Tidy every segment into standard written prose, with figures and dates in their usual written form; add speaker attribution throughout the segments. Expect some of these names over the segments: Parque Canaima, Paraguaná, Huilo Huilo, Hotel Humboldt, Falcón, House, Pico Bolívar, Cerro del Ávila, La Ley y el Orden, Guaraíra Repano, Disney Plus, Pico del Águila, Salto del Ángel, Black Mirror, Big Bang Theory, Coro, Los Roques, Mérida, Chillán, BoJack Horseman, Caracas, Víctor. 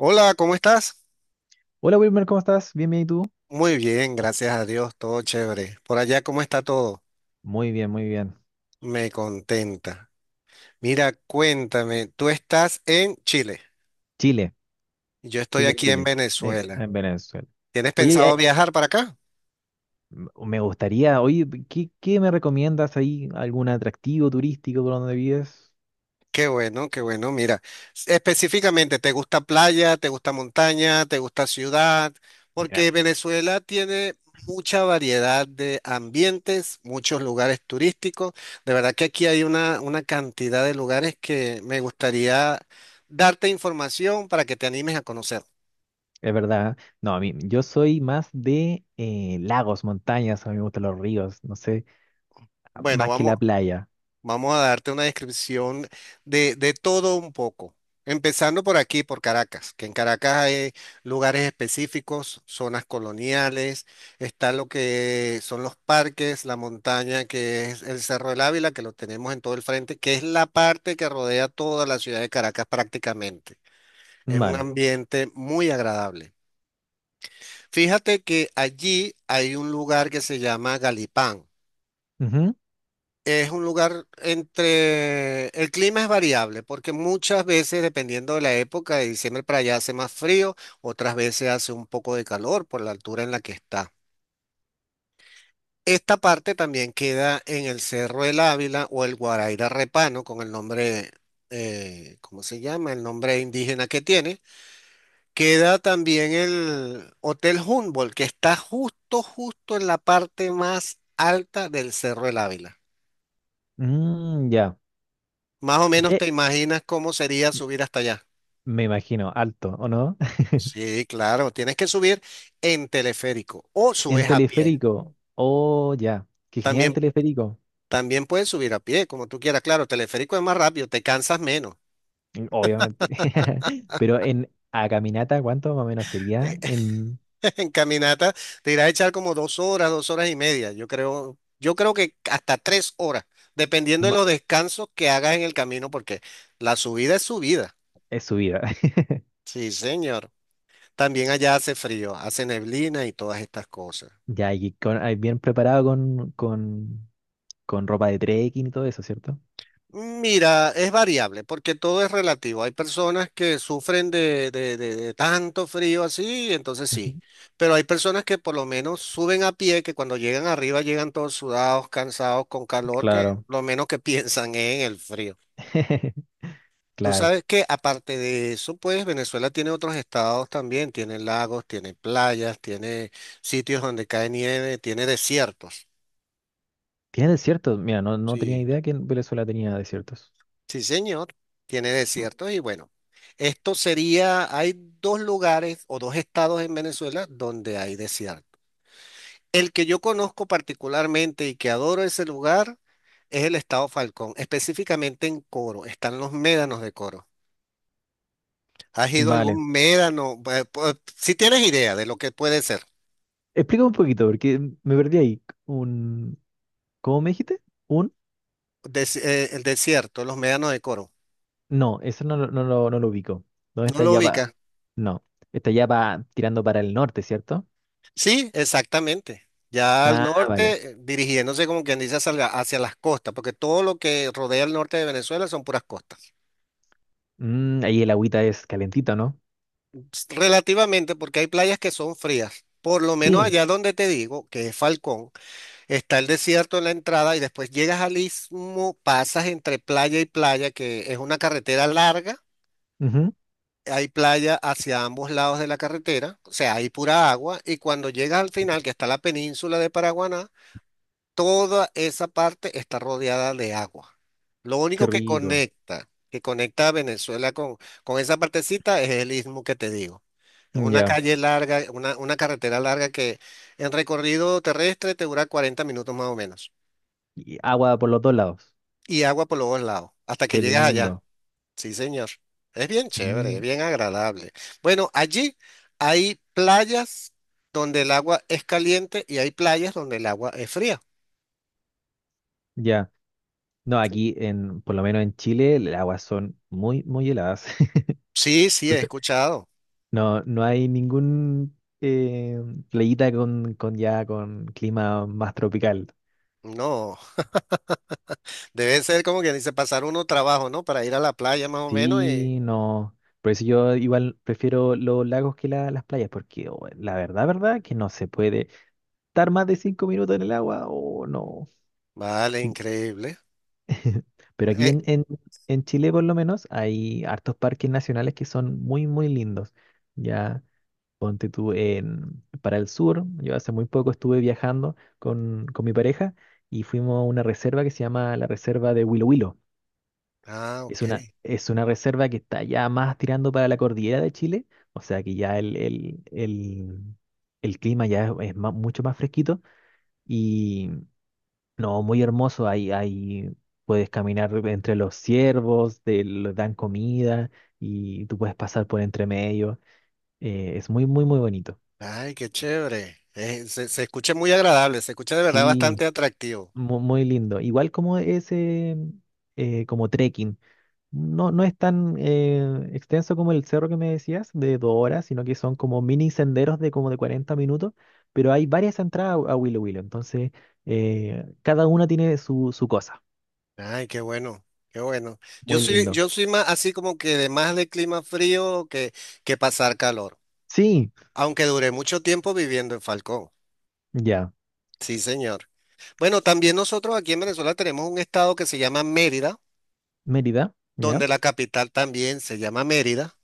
Speaker 1: Hola, ¿cómo estás?
Speaker 2: Hola Wilmer, ¿cómo estás? Bien, bien, ¿y tú?
Speaker 1: Muy bien, gracias a Dios, todo chévere. Por allá, ¿cómo está todo?
Speaker 2: Muy bien, muy bien.
Speaker 1: Me contenta. Mira, cuéntame, tú estás en Chile,
Speaker 2: Chile,
Speaker 1: yo estoy
Speaker 2: Chile,
Speaker 1: aquí en
Speaker 2: Chile,
Speaker 1: Venezuela.
Speaker 2: en Venezuela.
Speaker 1: ¿Tienes
Speaker 2: Oye,
Speaker 1: pensado viajar para acá?
Speaker 2: me gustaría, oye, ¿qué me recomiendas ahí? ¿Algún atractivo turístico por donde vives?
Speaker 1: Qué bueno, qué bueno. Mira, específicamente, ¿te gusta playa, te gusta montaña, te gusta ciudad?
Speaker 2: Mira,
Speaker 1: Porque Venezuela tiene mucha variedad de ambientes, muchos lugares turísticos. De verdad que aquí hay una cantidad de lugares que me gustaría darte información para que te animes a conocer.
Speaker 2: es verdad. ¿Eh? No, a mí, yo soy más de lagos, montañas, a mí me gustan los ríos, no sé,
Speaker 1: Bueno,
Speaker 2: más que la playa.
Speaker 1: vamos a darte una descripción de todo un poco. Empezando por aquí, por Caracas, que en Caracas hay lugares específicos, zonas coloniales, está lo que son los parques, la montaña, que es el Cerro del Ávila, que lo tenemos en todo el frente, que es la parte que rodea toda la ciudad de Caracas prácticamente. Es un
Speaker 2: Vale.
Speaker 1: ambiente muy agradable. Fíjate que allí hay un lugar que se llama Galipán.
Speaker 2: Ujú.
Speaker 1: Es un lugar entre el clima es variable porque muchas veces, dependiendo de la época, de diciembre para allá hace más frío, otras veces hace un poco de calor por la altura en la que está. Esta parte también queda en el Cerro del Ávila o el Guaraíra Repano, con el nombre, ¿cómo se llama? El nombre indígena que tiene. Queda también el Hotel Humboldt, que está justo, justo en la parte más alta del Cerro del Ávila.
Speaker 2: Mm, ya.
Speaker 1: Más o menos
Speaker 2: ¿Qué?
Speaker 1: te imaginas cómo sería subir hasta allá.
Speaker 2: Me imagino, alto, ¿o no?
Speaker 1: Sí, claro, tienes que subir en teleférico o
Speaker 2: En
Speaker 1: subes a pie.
Speaker 2: teleférico. Oh, ya. Qué genial el
Speaker 1: También,
Speaker 2: teleférico.
Speaker 1: también puedes subir a pie, como tú quieras. Claro, teleférico es más rápido, te cansas menos.
Speaker 2: Obviamente. Pero en a caminata, ¿cuánto más o menos sería
Speaker 1: En caminata te irás a echar como 2 horas, 2 horas y media. Yo creo que hasta 3 horas, dependiendo de
Speaker 2: ma-
Speaker 1: los descansos que hagas en el camino, porque la subida es subida.
Speaker 2: es subida?
Speaker 1: Sí, señor. También allá hace frío, hace neblina y todas estas cosas.
Speaker 2: Ya, y con, ahí bien preparado con, con ropa de trekking y todo eso, ¿cierto?
Speaker 1: Mira, es variable porque todo es relativo. Hay personas que sufren de, de tanto frío así, entonces sí.
Speaker 2: Ujú.
Speaker 1: Pero hay personas que por lo menos suben a pie, que cuando llegan arriba llegan todos sudados, cansados, con calor, que
Speaker 2: Claro,
Speaker 1: lo menos que piensan es en el frío. Tú
Speaker 2: claro.
Speaker 1: sabes que aparte de eso, pues Venezuela tiene otros estados también, tiene lagos, tiene playas, tiene sitios donde cae nieve, tiene desiertos.
Speaker 2: Tiene desiertos. Mira, no, no tenía
Speaker 1: Sí.
Speaker 2: idea que en Venezuela tenía desiertos.
Speaker 1: Sí, señor, tiene
Speaker 2: M-
Speaker 1: desiertos y bueno, esto sería, hay dos lugares o dos estados en Venezuela donde hay desierto. El que yo conozco particularmente y que adoro ese lugar es el estado Falcón, específicamente en Coro, están los médanos de Coro. ¿Has ido a algún
Speaker 2: Vale.
Speaker 1: médano? Si tienes idea de lo que puede ser,
Speaker 2: Explica un poquito, porque me perdí ahí. ¿Cómo me dijiste? Un,
Speaker 1: el desierto, los médanos de Coro,
Speaker 2: no, eso no, no, no lo ubico. ¿Dónde
Speaker 1: ¿no
Speaker 2: está
Speaker 1: lo
Speaker 2: ya va?
Speaker 1: ubicas?
Speaker 2: No, está ya va tirando para el norte, ¿cierto?
Speaker 1: Sí, exactamente. Ya al
Speaker 2: Ah, vale.
Speaker 1: norte, dirigiéndose como quien dice hacia, hacia las costas, porque todo lo que rodea el norte de Venezuela son puras costas.
Speaker 2: Mm, ahí el agüita es calentita, ¿no?
Speaker 1: Relativamente, porque hay playas que son frías. Por lo menos
Speaker 2: Sí.
Speaker 1: allá donde te digo, que es Falcón, está el desierto en la entrada y después llegas al istmo, pasas entre playa y playa, que es una carretera larga.
Speaker 2: Ujú,
Speaker 1: Hay playa hacia ambos lados de la carretera, o sea, hay pura agua. Y cuando llegas al final, que está la península de Paraguaná, toda esa parte está rodeada de agua. Lo
Speaker 2: qué
Speaker 1: único
Speaker 2: rico.
Speaker 1: que conecta a Venezuela con esa partecita es el istmo que te digo. Es
Speaker 2: Mm,
Speaker 1: una
Speaker 2: ya.
Speaker 1: calle larga, una carretera larga que en recorrido terrestre te dura 40 minutos más o menos.
Speaker 2: Y agua por los dos lados.
Speaker 1: Y agua por los dos lados, hasta que
Speaker 2: Qué
Speaker 1: llegas allá.
Speaker 2: lindo.
Speaker 1: Sí, señor. Es bien chévere, es
Speaker 2: Mm,
Speaker 1: bien agradable. Bueno, allí hay playas donde el agua es caliente y hay playas donde el agua es fría.
Speaker 2: ya. No, aquí en, por lo menos en Chile, las aguas son muy, muy heladas.
Speaker 1: Sí, sí, he
Speaker 2: Entonces,
Speaker 1: escuchado.
Speaker 2: no, no hay ningún playita con ya con clima más tropical.
Speaker 1: No. Debe ser como que dice pasar uno trabajo, ¿no? Para ir a la playa más o menos y
Speaker 2: Sí, no. Por eso yo igual prefiero los lagos que las playas, porque oh, la verdad, verdad, que no se puede estar más de 5 minutos en el agua, o no.
Speaker 1: Vale, increíble.
Speaker 2: Pero aquí
Speaker 1: Eh,
Speaker 2: en, Chile por lo menos hay hartos parques nacionales que son muy, muy lindos. Ya, ponte tú en, para el sur, yo hace muy poco estuve viajando con, mi pareja y fuimos a una reserva que se llama la Reserva de Huilo Huilo.
Speaker 1: ah, ok.
Speaker 2: Es una reserva que está ya más tirando para la cordillera de Chile, o sea que ya el clima ya es mucho más fresquito, no, muy hermoso. Ahí, ahí puedes caminar entre los ciervos, dan comida y tú puedes pasar por entre medio. Es muy, muy, muy bonito.
Speaker 1: Ay, qué chévere. Se escucha muy agradable, se escucha de verdad
Speaker 2: Sí,
Speaker 1: bastante atractivo.
Speaker 2: muy lindo. Igual como ese, como trekking. No, no es tan extenso como el cerro que me decías, de 2 horas, sino que son como mini senderos de como de 40 minutos, pero hay varias entradas a Willow Willow. Entonces, cada una tiene su, cosa.
Speaker 1: Ay, qué bueno, qué bueno. Yo
Speaker 2: Muy
Speaker 1: soy,
Speaker 2: lindo.
Speaker 1: yo soy más así como que de más de clima frío que pasar calor,
Speaker 2: Sí,
Speaker 1: aunque duré mucho tiempo viviendo en Falcón.
Speaker 2: ya.
Speaker 1: Sí, señor. Bueno, también nosotros aquí en Venezuela tenemos un estado que se llama Mérida,
Speaker 2: Mérida, ¿ya?
Speaker 1: donde la capital también se llama Mérida.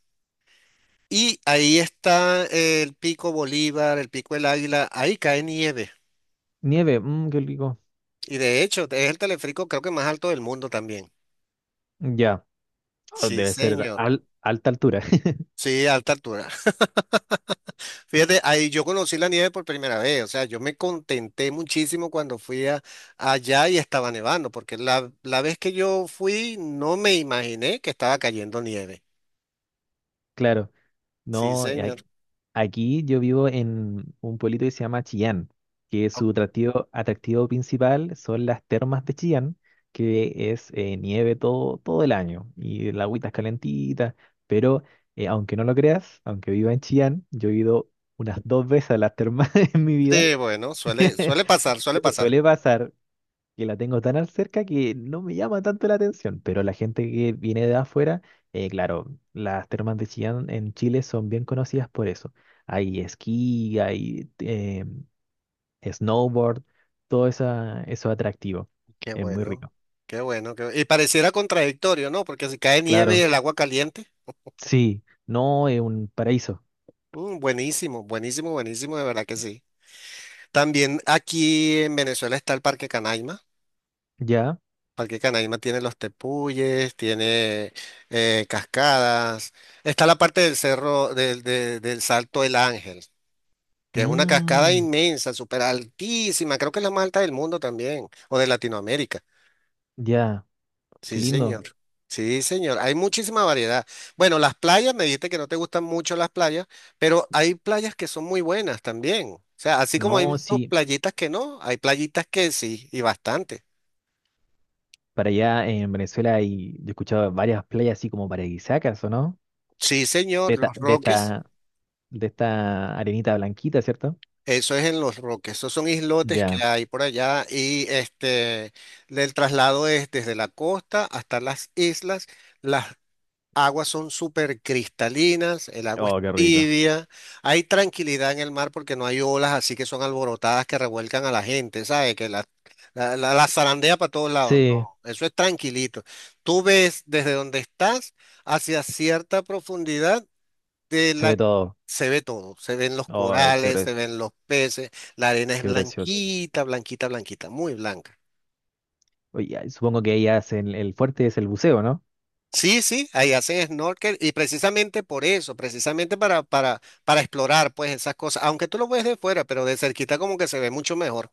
Speaker 1: Y ahí está el Pico Bolívar, el Pico del Águila, ahí cae nieve.
Speaker 2: Nieve, mm, qué rico.
Speaker 1: Y de hecho, es el teleférico creo que más alto del mundo también.
Speaker 2: Ya, ah,
Speaker 1: Sí,
Speaker 2: debe ser
Speaker 1: señor.
Speaker 2: alta altura,
Speaker 1: Sí, alta altura. Fíjate, ahí yo conocí la nieve por primera vez. O sea, yo me contenté muchísimo cuando allá y estaba nevando, porque la vez que yo fui no me imaginé que estaba cayendo nieve.
Speaker 2: claro.
Speaker 1: Sí,
Speaker 2: No, y
Speaker 1: señor.
Speaker 2: aquí yo vivo en un pueblito que se llama Chillán, que
Speaker 1: Ok,
Speaker 2: su atractivo, atractivo principal son las termas de Chillán, que es nieve todo, todo el año y la agüita es calentita, pero aunque no lo creas, aunque viva en Chillán, yo he ido unas dos veces a las termas en mi vida.
Speaker 1: sí, bueno, suele, suele pasar, suele pasar.
Speaker 2: Suele pasar, que la tengo tan al cerca que no me llama tanto la atención, pero la gente que viene de afuera, claro, las termas de Chillán en Chile son bien conocidas por eso. Hay esquí, hay snowboard, todo esa, eso atractivo.
Speaker 1: Qué
Speaker 2: Es muy
Speaker 1: bueno,
Speaker 2: rico.
Speaker 1: qué bueno, y pareciera contradictorio, ¿no? Porque si cae nieve y
Speaker 2: Claro,
Speaker 1: el agua caliente,
Speaker 2: sí, no es un paraíso.
Speaker 1: buenísimo, buenísimo, buenísimo, de verdad que sí. También aquí en Venezuela está el Parque Canaima.
Speaker 2: Ya,
Speaker 1: Parque Canaima tiene los tepuyes, tiene cascadas. Está la parte del cerro, del Salto del Ángel, que es una cascada
Speaker 2: mm,
Speaker 1: inmensa, súper altísima. Creo que es la más alta del mundo también, o de Latinoamérica.
Speaker 2: ya, qué
Speaker 1: Sí,
Speaker 2: lindo.
Speaker 1: señor. Sí, señor. Hay muchísima variedad. Bueno, las playas, me dijiste que no te gustan mucho las playas, pero hay playas que son muy buenas también. O sea, así como hay
Speaker 2: No,
Speaker 1: sus
Speaker 2: sí,
Speaker 1: playitas que no, hay playitas que sí, y bastante.
Speaker 2: para allá en Venezuela hay, yo he escuchado varias playas así como paradisíacas, ¿o no?
Speaker 1: Sí,
Speaker 2: De
Speaker 1: señor,
Speaker 2: esta,
Speaker 1: Los
Speaker 2: de
Speaker 1: Roques,
Speaker 2: esta- de esta arenita blanquita, ¿cierto?
Speaker 1: eso es en Los Roques, esos son islotes que
Speaker 2: Ya.
Speaker 1: hay por allá y este, el traslado es desde la costa hasta las islas. Las aguas son súper cristalinas, el agua es
Speaker 2: Oh, qué rico.
Speaker 1: tibia, hay tranquilidad en el mar porque no hay olas así que son alborotadas que revuelcan a la gente, ¿sabes? Que la zarandea para todos lados,
Speaker 2: Sí,
Speaker 1: no, eso es tranquilito. Tú ves desde donde estás hacia cierta profundidad de
Speaker 2: se
Speaker 1: la
Speaker 2: ve todo.
Speaker 1: Se ve todo, se ven los
Speaker 2: Oh,
Speaker 1: corales, se ven los peces, la arena es
Speaker 2: qué precioso.
Speaker 1: blanquita, blanquita, blanquita, muy blanca.
Speaker 2: Oye, ay, supongo que ahí hacen el fuerte es el buceo, ¿no?
Speaker 1: Sí, sí, ahí haces snorkel y precisamente por eso, precisamente para explorar pues esas cosas, aunque tú lo ves de fuera, pero de cerquita como que se ve mucho mejor.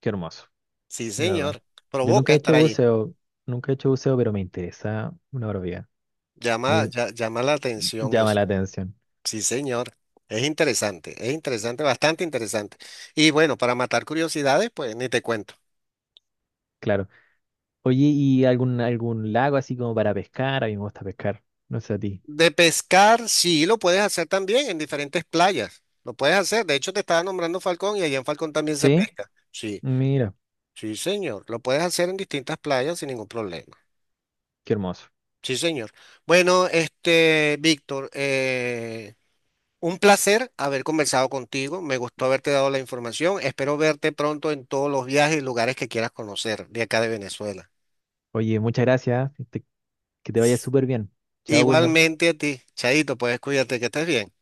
Speaker 2: Qué hermoso,
Speaker 1: Sí,
Speaker 2: de verdad.
Speaker 1: señor,
Speaker 2: Yo nunca
Speaker 1: provoca
Speaker 2: he
Speaker 1: estar
Speaker 2: hecho
Speaker 1: allí,
Speaker 2: buceo, nunca he hecho buceo, pero me interesa una barbaridad.
Speaker 1: llama,
Speaker 2: Muy
Speaker 1: llama la atención
Speaker 2: llama
Speaker 1: eso.
Speaker 2: la atención,
Speaker 1: Sí, señor, es interesante, bastante interesante. Y bueno, para matar curiosidades, pues ni te cuento.
Speaker 2: claro. Oye, ¿y algún, algún lago así como para pescar? A mí me gusta pescar, no sé a ti.
Speaker 1: De pescar, sí, lo puedes hacer también en diferentes playas, lo puedes hacer, de hecho te estaba nombrando Falcón y allá en Falcón también se
Speaker 2: ¿Sí?
Speaker 1: pesca, sí.
Speaker 2: Mira,
Speaker 1: Sí, señor. Lo puedes hacer en distintas playas sin ningún problema.
Speaker 2: qué hermoso.
Speaker 1: Sí, señor. Bueno, este, Víctor, un placer haber conversado contigo. Me gustó haberte dado la información. Espero verte pronto en todos los viajes y lugares que quieras conocer de acá de Venezuela.
Speaker 2: Oye, muchas gracias. Que te vaya súper bien. Chao, Wilmer.
Speaker 1: Igualmente a ti, Chaito, puedes cuídate, que estés bien.